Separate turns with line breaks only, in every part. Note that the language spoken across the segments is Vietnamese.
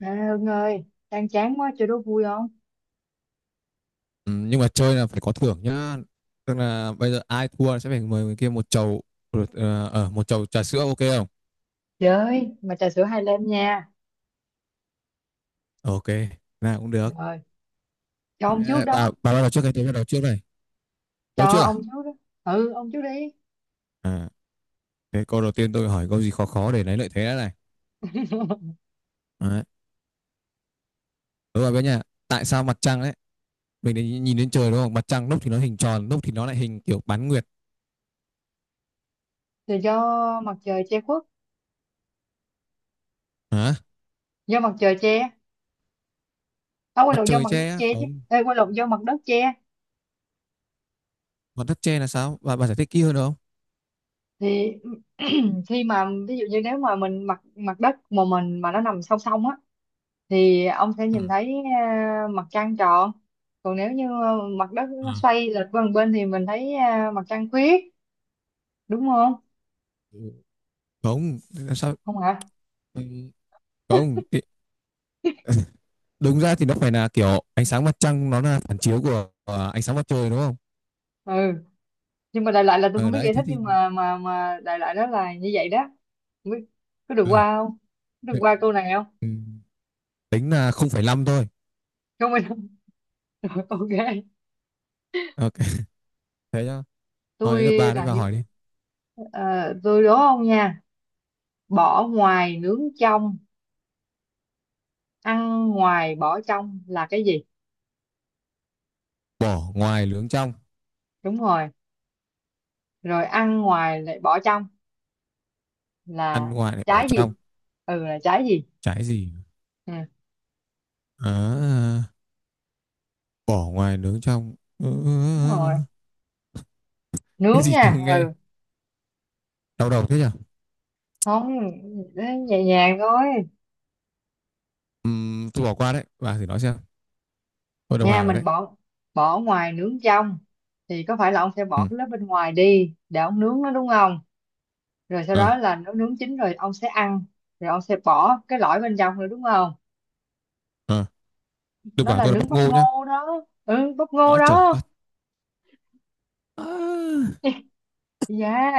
À, Hưng ơi, đang chán quá chơi đố vui không?
Ừ, nhưng mà chơi là phải có thưởng nhá, tức là bây giờ ai thua sẽ phải mời người kia một chầu một chầu trà sữa, ok không?
Chơi, mà trà sữa hai lem nha.
Ok, nào cũng được.
Rồi, cho ông trước
Thế bà
đó,
bà bắt đầu trước cái tôi bắt đầu trước này, tôi
cho
trước à?
ông trước đó. Ừ, ông trước đi.
à Thế câu đầu tiên tôi hỏi câu gì khó khó để lấy lợi thế đã này. Đấy. Đúng rồi bé nhà, tại sao mặt trăng đấy mình để nhìn đến trời đúng không, mặt trăng lúc thì nó hình tròn lúc thì nó lại hình kiểu bán nguyệt?
Rồi do mặt trời che khuất,
Hả?
do mặt trời che. À, quên
Mặt
lộn do
trời
mặt đất
che á?
che chứ.
Không,
Ê, quên lộn do mặt đất che.
mặt đất che là sao, bà giải thích kỹ hơn được không?
Thì khi mà ví dụ như nếu mà mình mặt mặt đất mà mình mà nó nằm song song á thì ông sẽ
Ừ.
nhìn thấy mặt trăng tròn. Còn nếu như mặt đất nó xoay lệch qua một bên thì mình thấy mặt trăng khuyết, đúng không?
Ừ. Không làm sao.
Không hả?
Ừ, không, đúng ra thì nó phải là kiểu ánh sáng mặt trăng nó là phản chiếu của ánh sáng mặt trời đúng không?
Ừ, nhưng mà đại loại là tôi không
Ờ
biết
đấy
giải
thế
thích,
thì
nhưng mà đại loại đó là như vậy đó. Không biết có được
ờ,
qua không, có được
thế-
qua câu này không?
ừ, tính là 0,5 thôi.
Không, mình không. Rồi, ok.
Ok thế nhá, hỏi đến lượt
Tôi
bà đấy,
làm
bà
những,
hỏi đi.
ờ, tôi đố ông nha. Bỏ ngoài nướng trong, ăn ngoài bỏ trong là cái gì?
Bỏ ngoài nướng trong,
Đúng rồi, rồi ăn ngoài lại bỏ trong
ăn
là
ngoài lại bỏ
trái
trong,
gì? Ừ, là trái gì?
trái gì?
Ừ,
à, Bỏ ngoài nướng trong. Ờ,
đúng rồi,
cái
nướng
gì chưa
nha,
nghe,
ừ.
đau đầu thế nhở.
Không, nhẹ nhàng thôi.
Tôi bỏ qua đấy, bà thử nói xem, tôi đồng
Nha,
hàng rồi đấy.
mình bỏ, bỏ ngoài nướng trong thì có phải là ông sẽ
Ừ.
bỏ cái lớp bên ngoài đi để ông nướng nó đúng không? Rồi sau
ờ,
đó là nó nướng chín rồi ông sẽ ăn, rồi ông sẽ bỏ cái lõi bên trong nữa đúng không?
ờ. Đừng
Nó
bảo
là
tôi là
nướng
bắp
bắp
ngô nhá.
ngô đó, ừ, bắp ngô
À, trời
đó.
đất. À.
Dạ,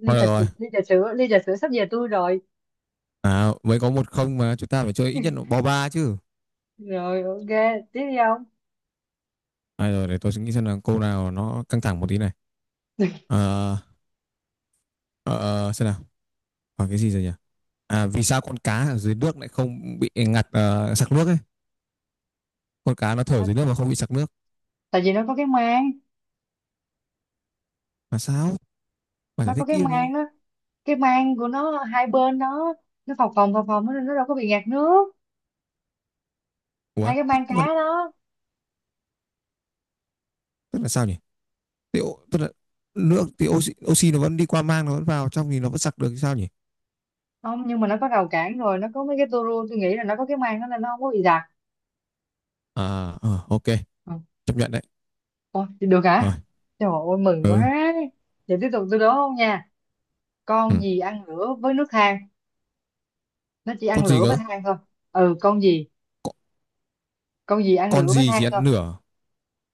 ly
Thôi được
trà sữa,
rồi.
ly trà sữa, ly trà sữa sắp về tôi rồi.
À, mới có một không mà chúng ta phải chơi ít nhất là bo ba chứ.
Rồi ok, tiếp đi ông.
À, rồi để tôi suy nghĩ xem là câu nào nó căng thẳng một tí này. Ờ, ờ, xem nào. Hỏi cái gì rồi nhỉ? À, vì sao con cá ở dưới nước lại không bị ngạt sặc nước ấy? Con cá nó thở
À,
dưới nước mà không bị sặc nước.
tại vì nó có cái mang.
Là sao? Bạn
Nó
giải
có
thích
cái
kỹ đúng không?
mang đó, cái mang của nó hai bên đó, nó phồng phồng phồng phồng nó đâu có bị ngạt nước.
Ủa,
Hai cái
tức
mang cá
mà-
đó.
tức là sao nhỉ? Tức là nước thì oxy nó vẫn đi qua mang nó vẫn vào trong thì nó vẫn sặc được thì sao nhỉ?
Không, nhưng mà nó có rào cản rồi, nó có mấy cái tua rua, tôi nghĩ là nó có cái màng đó nên nó không có bị dạt.
À, ờ, ok,
Ừ.
chấp nhận đấy.
Ôi, thì được
Rồi,
hả, trời ơi mừng quá.
ừ.
Vậy tiếp tục, tôi đố không nha.
Ừ.
Con gì ăn lửa với nước than, nó chỉ
Con
ăn
gì
lửa với
cơ?
than thôi. Ừ, con gì?
Con,
Con gì ăn
con
lửa với
gì chỉ
than thôi,
ăn nửa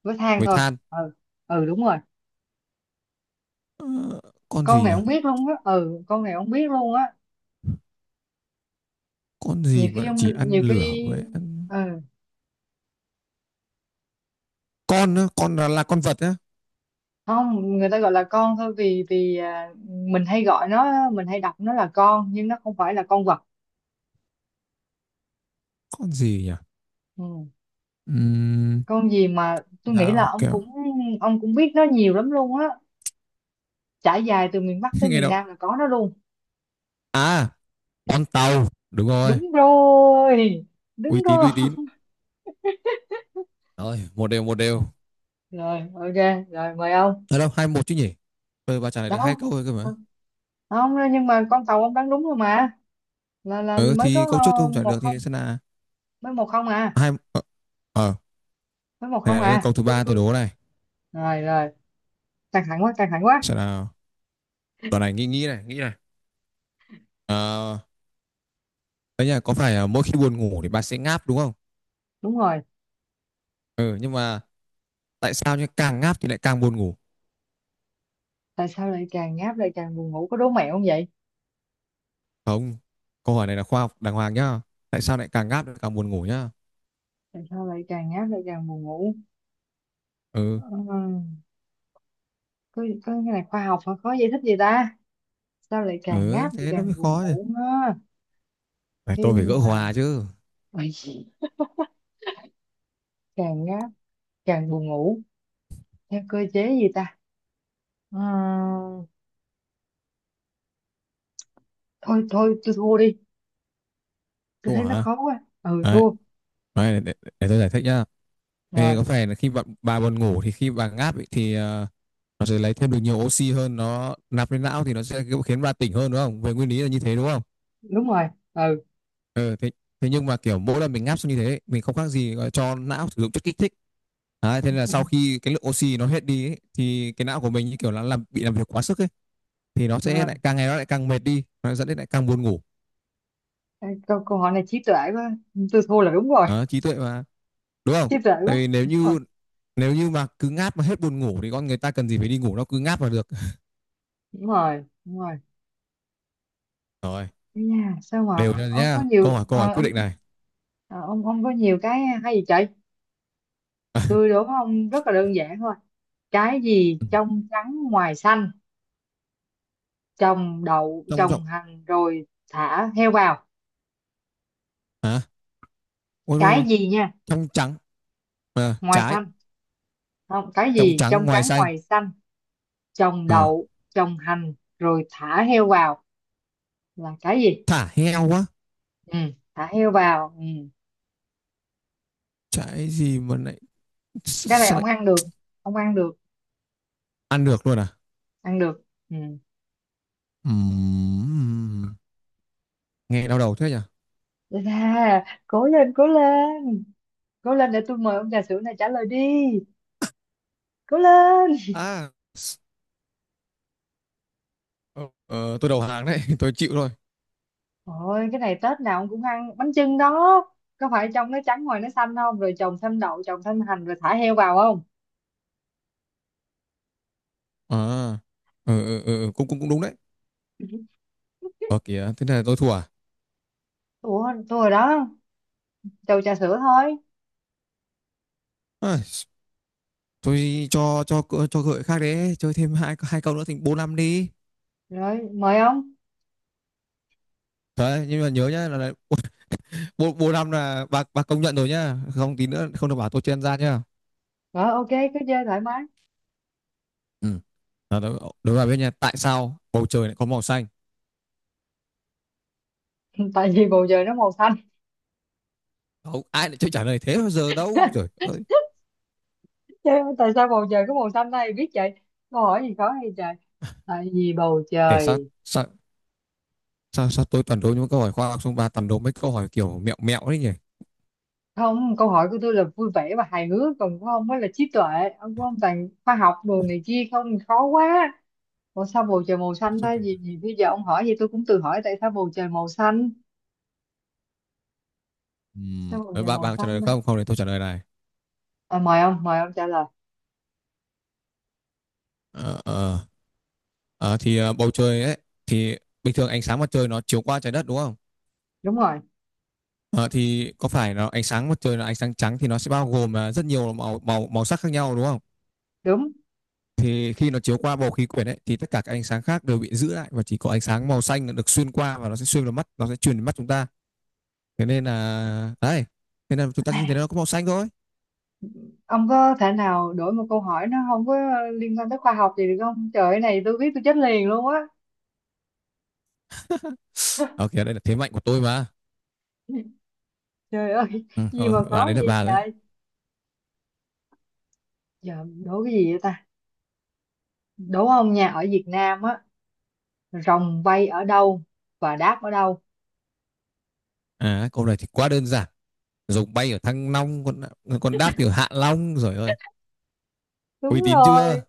với than
với
thôi.
than.
Ừ, ừ, đúng rồi.
Ờ, con gì
Con
nhỉ,
này không biết luôn á, ừ, con này không biết luôn á.
con
Nhiều
gì mà
khi
lại chỉ
không,
ăn
nhiều
lửa
khi,
với ăn,
ừ.
con là con vật á?
Không, người ta gọi là con thôi, vì vì à, mình hay gọi nó, mình hay đọc nó là con, nhưng nó không phải là con vật.
Con gì nhỉ?
Ừ.
Ừm,
Con gì mà tôi nghĩ là
dao
ông
kéo.
cũng, ông cũng biết nó nhiều lắm luôn á, trải dài từ miền Bắc tới
Nghe
miền
đâu,
Nam là có nó luôn.
à con tàu đúng rồi,
Đúng rồi,
uy
đúng
tín
rồi.
uy tín. Rồi một đều một đều,
Rồi ok, rồi mời ông.
ở đâu hai một chứ nhỉ, tôi bà trả lời được hai
Đâu,
câu thôi cơ mà.
không, nhưng mà con tàu ông đoán đúng rồi mà, là
Ừ
mới
thì
có
câu trước tôi không trả lời
một
được thì
không
sẽ là
Mới 1-0 à?
hai. Ờ ờ,
Mới một không
Này đấy là câu
à,
thứ
tôi
ba tôi
tôi
đố này,
Rồi rồi, căng thẳng quá, căng thẳng quá.
sẽ là, đoạn này nghĩ nghĩ này. ờ Đấy nhỉ, có phải là mỗi khi buồn ngủ thì bà sẽ ngáp đúng không?
Đúng rồi,
Ừ nhưng mà tại sao nhá, càng ngáp thì lại càng buồn ngủ?
tại sao lại càng ngáp lại càng buồn ngủ, có đố mẹo không vậy?
Không, câu hỏi này là khoa học đàng hoàng nhá, tại sao lại càng ngáp lại càng buồn ngủ nhá.
Tại sao lại càng ngáp lại càng buồn ngủ?
Ừ.
Ờ, có cái này khoa học mà có giải thích gì ta, sao lại càng
Ừ
ngáp lại
thế nó mới
càng buồn
khó chứ,
ngủ á?
phải tôi
Khi
phải gỡ
mà
hòa chứ.
ôi, càng ngáp càng buồn ngủ theo cơ chế gì ta? Ờ, thôi thôi tôi thua đi, tôi
Cô
thấy nó
hả?
khó quá, ừ,
Đấy,
thua.
để tôi giải thích nhá. Ê,
Rồi.
có phải là khi bà buồn ngủ thì khi bà ngáp ấy, thì nó sẽ lấy thêm được nhiều oxy hơn, nó nạp lên não thì nó sẽ khiến bà tỉnh hơn đúng không, về nguyên lý là như thế đúng không.
Đúng rồi. Ừ.
Ừ, thế thế nhưng mà kiểu mỗi lần mình ngáp xong như thế mình không khác gì gọi là cho não sử dụng chất kích thích. Đấy, thế nên là sau khi cái lượng oxy nó hết đi ấy, thì cái não của mình như kiểu là bị làm việc quá sức ấy, thì nó
Ờ,
sẽ lại càng ngày nó lại càng mệt đi, nó dẫn đến lại càng buồn ngủ.
câu câu hỏi này trí tuệ quá, tôi thua là đúng rồi.
Đó, trí tuệ mà, đúng không.
Trí tuệ
Tại
quá,
vì nếu
đúng rồi,
như, nếu như mà cứ ngáp mà hết buồn ngủ thì con người ta cần gì phải đi ngủ, nó cứ ngáp là được.
đúng rồi, đúng rồi.
Rồi
Ây da, sao mà
đều ra
ông có
nhá,
nhiều
câu hỏi quyết định này.
ờ, ông có nhiều cái hay gì trời.
À,
Tôi đố ông rất là đơn giản thôi. Cái gì trong trắng ngoài xanh, trồng đậu,
trong rộng.
trồng hành rồi thả heo vào.
Hả? Ôi
Cái
đúng,
gì nha,
trong trắng. Ờ,
ngoài
trái
xanh. Không, cái
trong
gì
trắng
trong
ngoài
trắng
xanh.
ngoài xanh, trồng
Ờ,
đậu, trồng hành rồi thả heo vào là cái gì?
thả heo quá,
Ừ, thả heo vào. Ừ.
trái gì mà lại
Cái này
sao lại
ông ăn được,
ăn được luôn à?
ăn được. Ừ.
Ừm. Nghe đau đầu thế nhỉ.
Đây cố lên, cố lên. Cố lên để tôi mời ông trà sữa này, trả lời đi. Cố lên.
à ờ, tôi đầu hàng đấy tôi chịu thôi.
Ôi cái này Tết nào ông cũng ăn bánh chưng đó. Có phải trong nó trắng ngoài nó xanh không? Rồi trồng thêm đậu, trồng thêm hành rồi thả heo vào không?
À, ừ, ừ, ừ, cũng cũng cũng đúng đấy. Ờ kìa thế này tôi thua à?
Ủa, tôi rồi đó, trầu trà sữa thôi.
Ai, tôi cho gợi khác đấy, chơi thêm hai hai câu nữa thành bô năm đi.
Rồi, mời ông.
Đấy, nhưng mà nhớ nhá là bô, bô năm là bà công nhận rồi nhá, không tí nữa không được bảo tôi chen ra nhá.
Rồi ok, cứ chơi thoải mái.
Ừ, đó, đó, đó là bên nhà, tại sao bầu trời lại có màu xanh?
Tại vì bầu trời nó màu xanh.
Không ai lại chơi trả lời thế bao giờ đâu rồi ơi.
Chứ tại sao bầu trời có màu xanh đây? Biết vậy. Câu hỏi gì khó hay trời? Tại vì bầu
Để sao
trời...
sao sao tôi toàn đố những câu hỏi khoa học xong bà toàn đố mấy câu hỏi kiểu mẹo mẹo đấy nhỉ.
Không, câu hỏi của tôi là vui vẻ và hài hước, còn của ông mới là trí tuệ. Ông, của ông toàn khoa học đồ này kia không, khó quá. Ủa sao bầu trời màu xanh
Trong
ta,
cảnh.
gì bây giờ ông hỏi gì tôi cũng tự hỏi tại sao bầu trời màu xanh. Sao bầu
Đấy,
trời
bạn
màu
bạn có trả lời
xanh
được
ta?
không, không thì tôi trả lời này.
À, mời ông, mời ông trả lời.
Ờ, ờ, bầu trời ấy thì bình thường ánh sáng mặt trời nó chiếu qua trái đất đúng không.
Đúng rồi.
Ờ, thì có phải nó ánh sáng mặt trời là ánh sáng trắng thì nó sẽ bao gồm rất nhiều màu màu màu sắc khác nhau đúng không.
Đúng.
Thì khi nó chiếu qua bầu khí quyển ấy thì tất cả các ánh sáng khác đều bị giữ lại và chỉ có ánh sáng màu xanh là được xuyên qua, và nó sẽ xuyên vào mắt, nó sẽ truyền đến mắt chúng ta. Thế nên là đấy, thế nên là chúng ta nhìn thấy nó có màu xanh thôi.
Ông có thể nào đổi một câu hỏi nó không có liên quan tới khoa học gì được không trời ơi, này tôi biết tôi chết liền luôn á.
Ok đây là thế mạnh của tôi mà.
Trời ơi,
Ừ,
gì
thôi,
mà
bà
khó
đấy là
vậy
bà đấy.
trời. Giờ đố cái gì vậy ta? Đố ông nha, ở Việt Nam á, rồng bay ở đâu và đáp ở đâu?
À câu này thì quá đơn giản, rồng bay ở Thăng Long, con đáp thì ở Hạ Long rồi ơi. Uy
Đúng
tín
rồi.
chưa?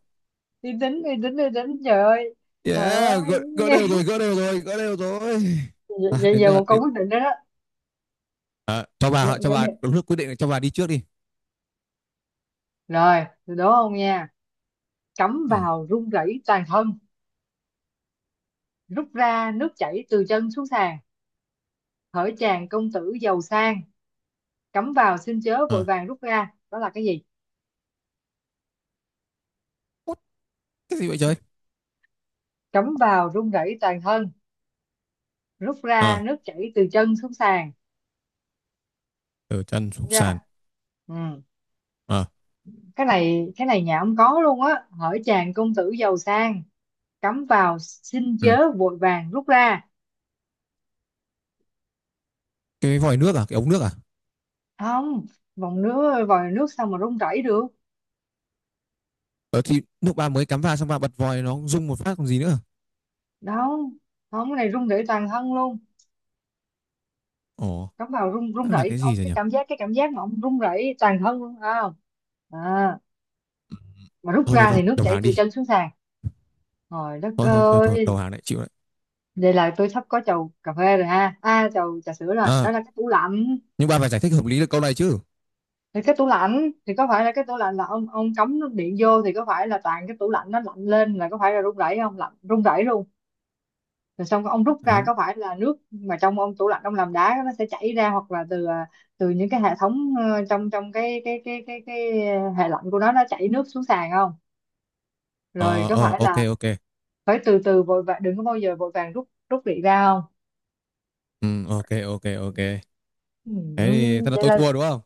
Đi tính, đi tính, đi tính trời ơi. Trời
Yeah,
ơi.
gỡ, gỡ đều rồi gỡ đều rồi gỡ đều rồi. À,
Vậy
đến
giờ
giờ
một câu
đến,
quyết định đó đó.
à,
Nhớ-
cho
nhớ đi.
bà lúc quyết định là cho bà đi trước đi.
Rồi từ đó ông nha, cắm
Ừ.
vào run rẩy toàn thân, rút ra nước chảy từ chân xuống sàn, hỡi chàng công tử giàu sang, cắm vào xin chớ vội
À.
vàng rút ra, đó là cái gì?
Út, cái gì vậy trời?
Cắm vào run rẩy toàn thân, rút ra
Ờ
nước chảy từ chân xuống sàn.
từ chân
Đúng
xuống
chưa?
sàn.
Ừ.
Ờ.
Cái này, cái này nhà ông có luôn á. Hỡi chàng công tử giàu sang, cắm vào xin
Ừ.
chớ vội vàng rút ra.
Cái vòi nước à, cái ống nước à?
Không, vòng nước vòi nước sao mà run rẩy được?
Ờ thì lúc bà mới cắm vào xong bà bật vòi nó rung một phát còn gì nữa.
Đâu, không, cái này rung rẩy toàn thân luôn.
Ồ.
Cắm vào rung rung
Đó là
rẩy
cái gì
ông,
rồi
cái
nhỉ?
cảm giác, cái cảm giác mà ông rung rẩy toàn thân luôn phải không? À, mà rút
Thôi thôi
ra
thôi
thì nước
đầu
chảy
hàng
từ
đi,
chân xuống sàn. Trời đất
thôi thôi thôi thôi đầu
ơi,
hàng lại chịu đấy.
đây là tôi sắp có chầu cà phê rồi ha, à chầu trà sữa rồi,
À,
đó là cái tủ lạnh.
nhưng ba phải giải thích hợp lý được câu này chứ.
Thì cái tủ lạnh, thì có phải là cái tủ lạnh là ông cắm nước điện vô thì có phải là toàn cái tủ lạnh nó lạnh lên, là có phải là rung rẩy không, lạnh rung rẩy luôn. Rồi xong ông rút
À,
ra có phải là nước mà trong ông tủ lạnh ông làm đá nó sẽ chảy ra, hoặc là từ từ những cái hệ thống trong trong cái hệ lạnh của nó chảy nước xuống sàn không? Rồi có
ờ
phải
ok
là
ok.
phải từ từ vội vàng, đừng có bao giờ vội vàng rút rút điện ra không?
Ừ, ok ok ok thế thì thật là
Vậy
tôi
là
thua đúng không.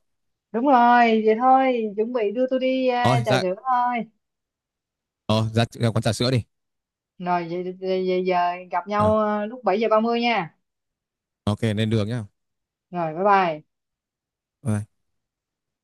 đúng rồi, vậy thôi chuẩn bị đưa tôi đi
Thôi
trà
dạ,
sữa thôi.
ờ ra, ra quán trà sữa đi.
Rồi vậy giờ gặp
Ờ,
nhau lúc 7:30 nha.
ok lên đường nhá.
Rồi bye bye.
Bye.